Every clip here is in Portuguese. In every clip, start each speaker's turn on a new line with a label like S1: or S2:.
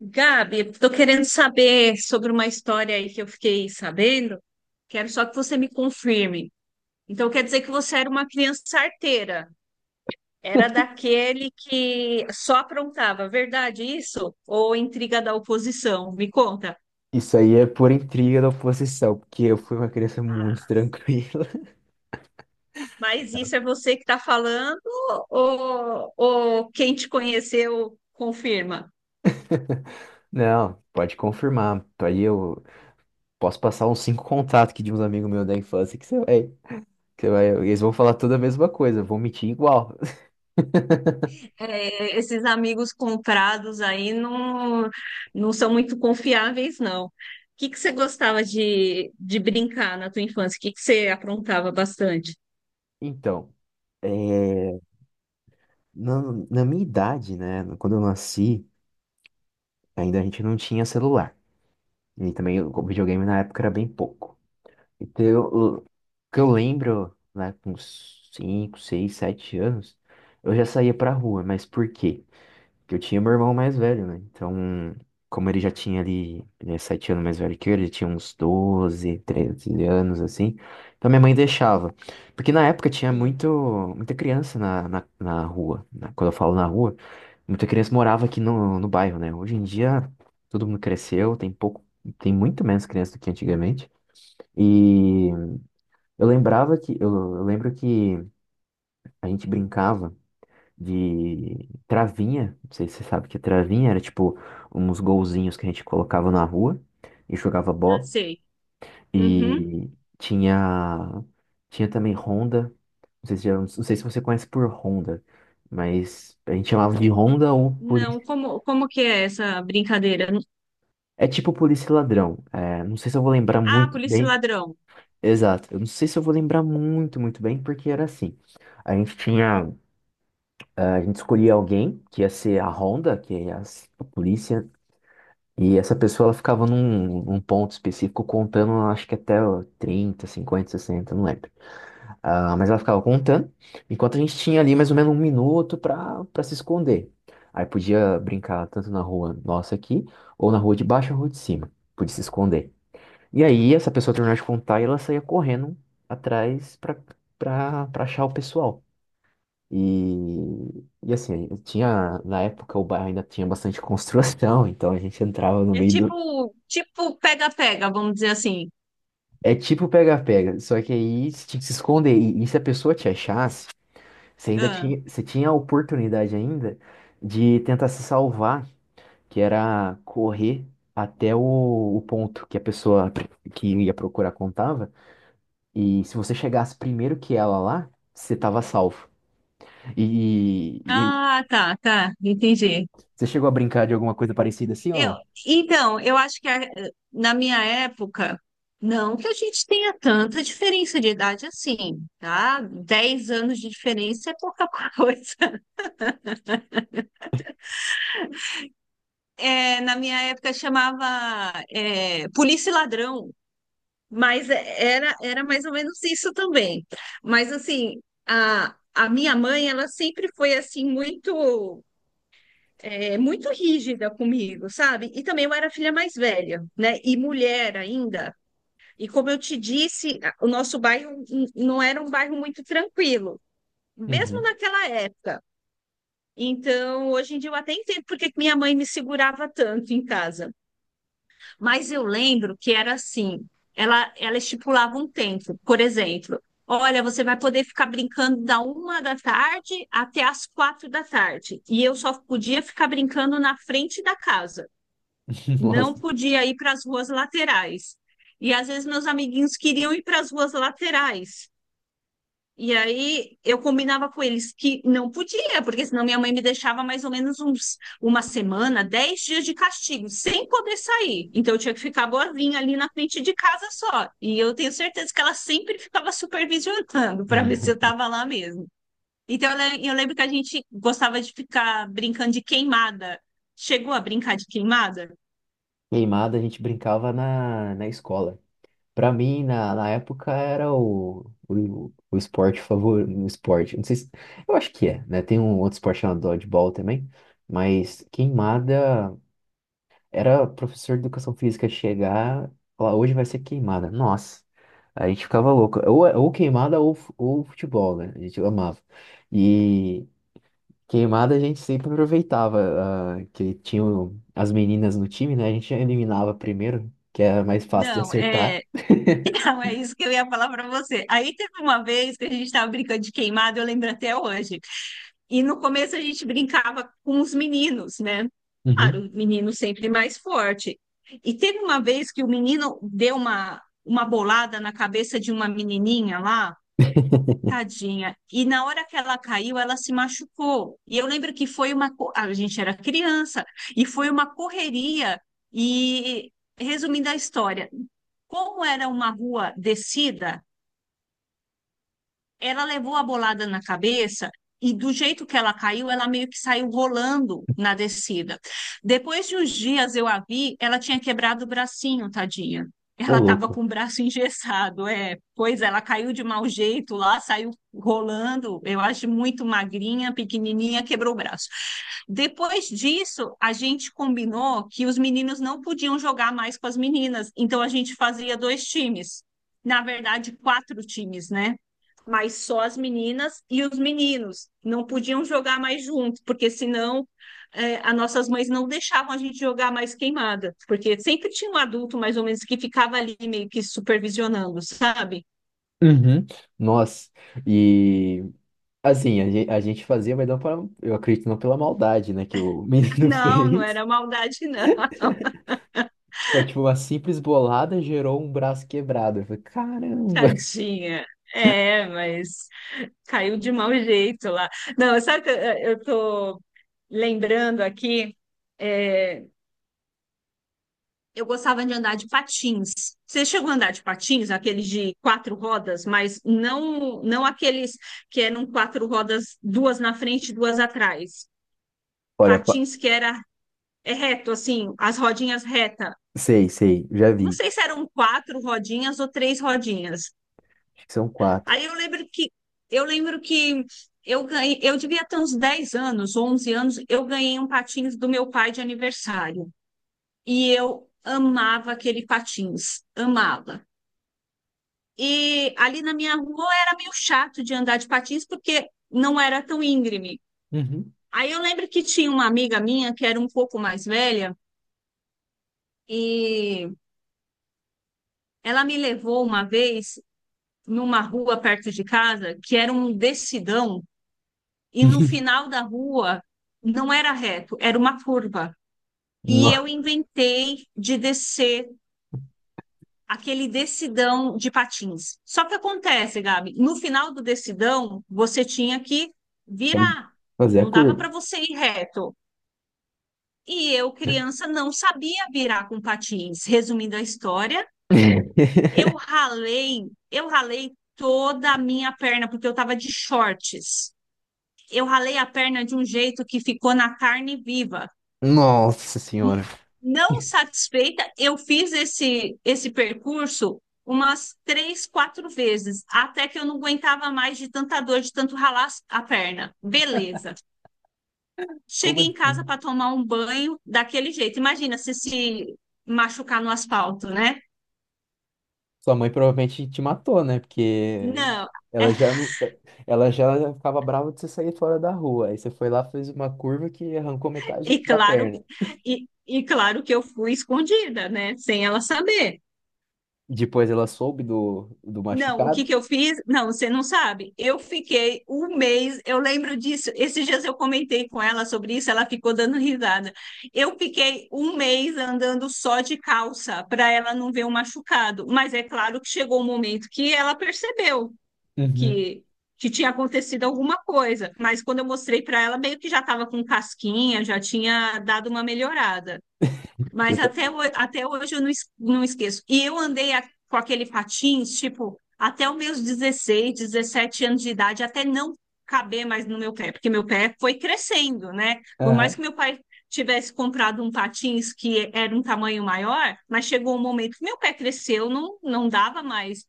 S1: Gabi, estou querendo saber sobre uma história aí que eu fiquei sabendo. Quero só que você me confirme. Então, quer dizer que você era uma criança arteira? Era daquele que só aprontava, verdade isso? Ou intriga da oposição? Me conta.
S2: Isso aí é por intriga da oposição, porque eu fui uma criança muito tranquila.
S1: Mas isso é você que está falando ou quem te conheceu confirma?
S2: Não, pode confirmar. Aí eu posso passar uns cinco contatos aqui de uns amigos meus da infância que você vai, eles vão falar toda a mesma coisa, vão mentir igual.
S1: É, esses amigos comprados aí não, não são muito confiáveis, não. O que que você gostava de brincar na tua infância? O que que você aprontava bastante?
S2: Então, é, na, na minha idade, né, quando eu nasci, ainda a gente não tinha celular. E também o videogame na época era bem pouco. Então, eu- o que eu lembro, lá com uns 5, 6, 7 anos, eu já saía pra rua, mas por quê? Porque eu tinha meu irmão mais velho, né? Então, como ele já tinha ali, ele é 7 anos mais velho que eu, ele tinha uns 12 13 anos, assim. Então, minha mãe deixava. Porque na época tinha
S1: Sim.
S2: muita criança na rua, né? Quando eu falo na rua, muita criança morava aqui no bairro, né? Hoje em dia, todo mundo cresceu, tem muito menos criança do que antigamente. E. Eu lembrava que, eu, eu lembro que a gente brincava de travinha, não sei se você sabe o que é travinha, era tipo uns golzinhos que a gente colocava na rua e jogava
S1: Ah,
S2: bola.
S1: sei. Uhum.
S2: E tinha, tinha também ronda, não sei se você conhece por ronda, mas a gente chamava de ronda ou
S1: Não,
S2: polícia.
S1: como que é essa brincadeira?
S2: É tipo polícia e ladrão, é, não sei se eu vou lembrar
S1: Ah,
S2: muito
S1: polícia e
S2: bem,
S1: ladrão.
S2: exato, eu não sei se eu vou lembrar muito bem, porque era assim, a gente tinha A gente escolhia alguém que ia ser a ronda, que é a polícia, e essa pessoa ela ficava num ponto específico contando, acho que até ó, 30, 50, 60, não lembro. Ah, mas ela ficava contando, enquanto a gente tinha ali mais ou menos 1 minuto para se esconder. Aí podia brincar tanto na rua nossa aqui, ou na rua de baixo ou na rua de cima, podia se esconder. E aí essa pessoa terminava de contar e ela saía correndo atrás para achar o pessoal. E assim, tinha, na época o bairro ainda tinha bastante construção, então a gente entrava no
S1: É
S2: meio do.
S1: tipo pega-pega, vamos dizer assim.
S2: É tipo pega-pega, só que aí você tinha que se esconder. E se a pessoa te achasse,
S1: Ah,
S2: você tinha a oportunidade ainda de tentar se salvar, que era correr até o ponto que a pessoa que ia procurar contava. E se você chegasse primeiro que ela lá, você tava salvo. E
S1: ah, tá, tá, entendi.
S2: você chegou a brincar de alguma coisa parecida assim,
S1: Eu,
S2: ou
S1: então, eu acho que na minha época, não que a gente tenha tanta diferença de idade assim, tá? 10 anos de diferença é pouca coisa. É, na minha época chamava, é, polícia e ladrão, mas era mais ou menos isso também. Mas assim, a minha mãe, ela sempre foi assim muito rígida comigo, sabe? E também eu era a filha mais velha, né? E mulher ainda. E como eu te disse, o nosso bairro não era um bairro muito tranquilo, mesmo
S2: não?
S1: naquela época. Então, hoje em dia eu até entendo por que que minha mãe me segurava tanto em casa. Mas eu lembro que era assim, ela estipulava um tempo, por exemplo, olha, você vai poder ficar brincando da uma da tarde até as quatro da tarde. E eu só podia ficar brincando na frente da casa, não
S2: Nossa,
S1: podia ir para as ruas laterais. E às vezes meus amiguinhos queriam ir para as ruas laterais. E aí eu combinava com eles que não podia, porque senão minha mãe me deixava mais ou menos uns uma semana, 10 dias de castigo, sem poder sair. Então eu tinha que ficar boazinha ali na frente de casa só. E eu tenho certeza que ela sempre ficava supervisionando para ver se eu estava lá mesmo. Então eu lembro que a gente gostava de ficar brincando de queimada. Chegou a brincar de queimada?
S2: queimada a gente brincava na escola. Pra mim, na época, era o esporte favorito. O esporte, não sei se. Eu acho que é, né? Tem um outro esporte chamado dodgeball também. Mas queimada era professor de educação física chegar e falar: hoje vai ser queimada. Nossa, a gente ficava louco. Ou queimada ou futebol, né? A gente amava. E. Queimada a gente sempre aproveitava, ah, que tinham as meninas no time, né? A gente eliminava primeiro, que era mais fácil de
S1: Não,
S2: acertar.
S1: é Não, é isso que eu ia falar para você. Aí teve uma vez que a gente estava brincando de queimado, eu lembro até hoje. E no começo a gente brincava com os meninos, né?
S2: Uhum.
S1: Claro, o menino sempre mais forte. E teve uma vez que o menino deu uma bolada na cabeça de uma menininha lá. Tadinha. E na hora que ela caiu, ela se machucou. E eu lembro que a gente era criança, e foi uma correria. E, resumindo a história, como era uma rua descida, ela levou a bolada na cabeça e do jeito que ela caiu, ela meio que saiu rolando na descida. Depois de uns dias eu a vi, ela tinha quebrado o bracinho, tadinha.
S2: Ô,
S1: Ela estava
S2: louco.
S1: com o braço engessado, é. Pois ela caiu de mau jeito lá, saiu rolando, eu acho muito magrinha, pequenininha, quebrou o braço. Depois disso, a gente combinou que os meninos não podiam jogar mais com as meninas, então a gente fazia dois times. Na verdade, quatro times, né? Mas só as meninas e os meninos não podiam jogar mais junto, porque senão é, as nossas mães não deixavam a gente jogar mais queimada, porque sempre tinha um adulto mais ou menos que ficava ali meio que supervisionando, sabe?
S2: Uhum. Nossa, e assim, a gente fazia, mas não para, eu acredito, não pela maldade, né, que o menino
S1: Não, não
S2: fez.
S1: era maldade, não.
S2: Foi tipo, uma simples bolada gerou um braço quebrado. Eu falei, caramba.
S1: tadinha. É, mas caiu de mau jeito lá. Não, sabe que eu tô lembrando aqui, é, eu gostava de andar de patins. Você chegou a andar de patins, aqueles de quatro rodas, mas não aqueles que eram quatro rodas, duas na frente, e duas atrás.
S2: Olha, pa-
S1: Patins que era é reto, assim, as rodinhas reta.
S2: Sei, sei, já
S1: Não
S2: vi.
S1: sei se eram quatro rodinhas ou três rodinhas.
S2: Acho que são quatro.
S1: Aí eu lembro que eu ganhei, eu devia ter uns 10 anos, 11 anos, eu ganhei um patins do meu pai de aniversário. E eu amava aquele patins, amava. E ali na minha rua era meio chato de andar de patins porque não era tão íngreme.
S2: Uhum.
S1: Aí eu lembro que tinha uma amiga minha que era um pouco mais velha e ela me levou uma vez numa rua perto de casa que era um descidão e no final da rua não era reto, era uma curva. E eu
S2: Nossa,
S1: inventei de descer aquele decidão de patins. Só que acontece, Gabi, no final do decidão, você tinha que virar.
S2: fazer a
S1: Não dava
S2: curva.
S1: para você ir reto. E eu, criança, não sabia virar com patins. Resumindo a história, eu ralei, eu ralei toda a minha perna porque eu estava de shorts. Eu ralei a perna de um jeito que ficou na carne viva.
S2: Nossa
S1: N-
S2: senhora.
S1: Não satisfeita, eu fiz esse percurso umas três, quatro vezes, até que eu não aguentava mais de tanta dor, de tanto ralar a perna. Beleza.
S2: Como
S1: Cheguei em
S2: assim?
S1: casa para tomar um banho daquele jeito. Imagina se machucar no asfalto, né?
S2: Sua mãe provavelmente te matou, né? Porque
S1: Não.
S2: ela já não, ela já ficava brava de você sair fora da rua. Aí você foi lá, fez uma curva que arrancou metade
S1: E
S2: da
S1: claro,
S2: perna.
S1: e claro que eu fui escondida, né? Sem ela saber.
S2: E depois ela soube do
S1: Não, o que
S2: machucado.
S1: que eu fiz? Não, você não sabe. Eu fiquei um mês, eu lembro disso. Esses dias eu comentei com ela sobre isso, ela ficou dando risada. Eu fiquei um mês andando só de calça para ela não ver o machucado. Mas é claro que chegou um momento que ela percebeu
S2: Uhum.
S1: que, que tinha acontecido alguma coisa. Mas quando eu mostrei para ela, meio que já estava com casquinha, já tinha dado uma melhorada.
S2: Você
S1: Mas
S2: tá-
S1: até, até hoje eu não, não esqueço. E eu andei com aquele patins, tipo, até os meus 16, 17 anos de idade, até não caber mais no meu pé, porque meu pé foi crescendo, né? Por mais
S2: Aham.
S1: que meu pai tivesse comprado um patins que era um tamanho maior, mas chegou um momento que meu pé cresceu, não, não dava mais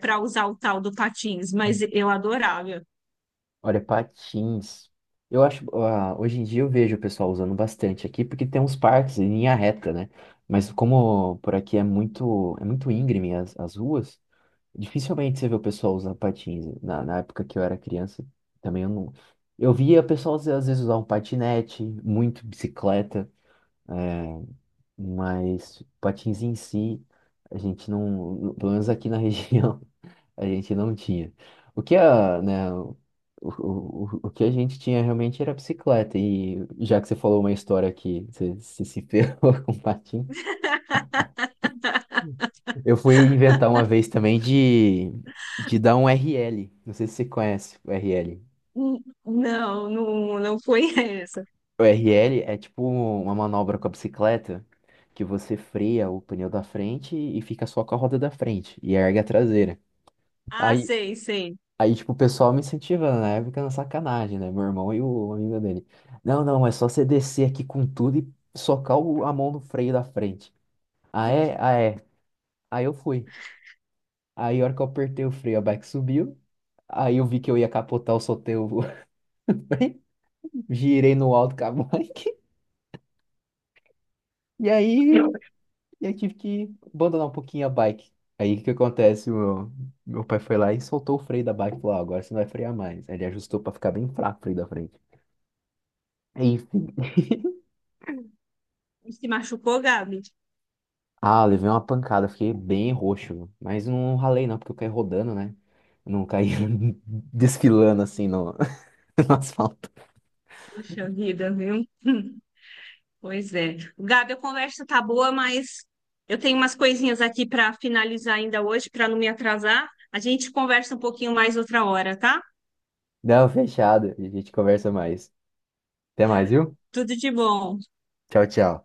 S1: para usar o tal do patins, mas eu adorava.
S2: Olha, patins. Eu acho, ah, hoje em dia eu vejo o pessoal usando bastante aqui, porque tem uns parques em linha reta, né? Mas como por aqui é muito íngreme as ruas, dificilmente você vê o pessoal usar patins, né? Na época que eu era criança, também eu não. Eu via o pessoal às vezes usar um patinete, muito bicicleta, é, mas patins em si, a gente não. Pelo menos aqui na região, a gente não tinha. O que a, né, o que a gente tinha realmente era bicicleta. E já que você falou uma história que se se ferrou com patins. Eu fui inventar uma vez também de dar um RL. Não sei se você conhece o RL.
S1: Hum. Não, não, não foi essa.
S2: O RL é tipo uma manobra com a bicicleta que você freia o pneu da frente e fica só com a roda da frente e ergue a traseira.
S1: Ah,
S2: Aí,
S1: sei, sei.
S2: aí tipo, o pessoal me incentivando, né, fica na sacanagem, né? Meu irmão e o amigo dele. Não, não, é só você descer aqui com tudo e socar a mão no freio da frente. Ah, é? Ah, é. Aí eu fui. Aí, a hora que eu apertei o freio, a bike subiu. Aí eu vi que eu ia capotar, eu soltei o bem, girei no alto com a bike. E aí eu tive que abandonar um pouquinho a bike. Aí o que que acontece? Meu pai foi lá e soltou o freio da bike e falou: "Ah, agora você não vai frear mais." Aí ele ajustou pra ficar bem fraco o freio da frente. Enfim.
S1: Se machucou, Gabi?
S2: Ah, eu levei uma pancada, fiquei bem roxo. Mas não ralei não, porque eu caí rodando, né? Eu não caí desfilando assim no, no asfalto.
S1: Puxa vida, viu? Pois é. Gabi, a conversa tá boa, mas eu tenho umas coisinhas aqui para finalizar ainda hoje, para não me atrasar. A gente conversa um pouquinho mais outra hora, tá?
S2: Não, fechado. A gente conversa mais. Até mais, viu?
S1: Tudo de bom.
S2: Tchau, tchau.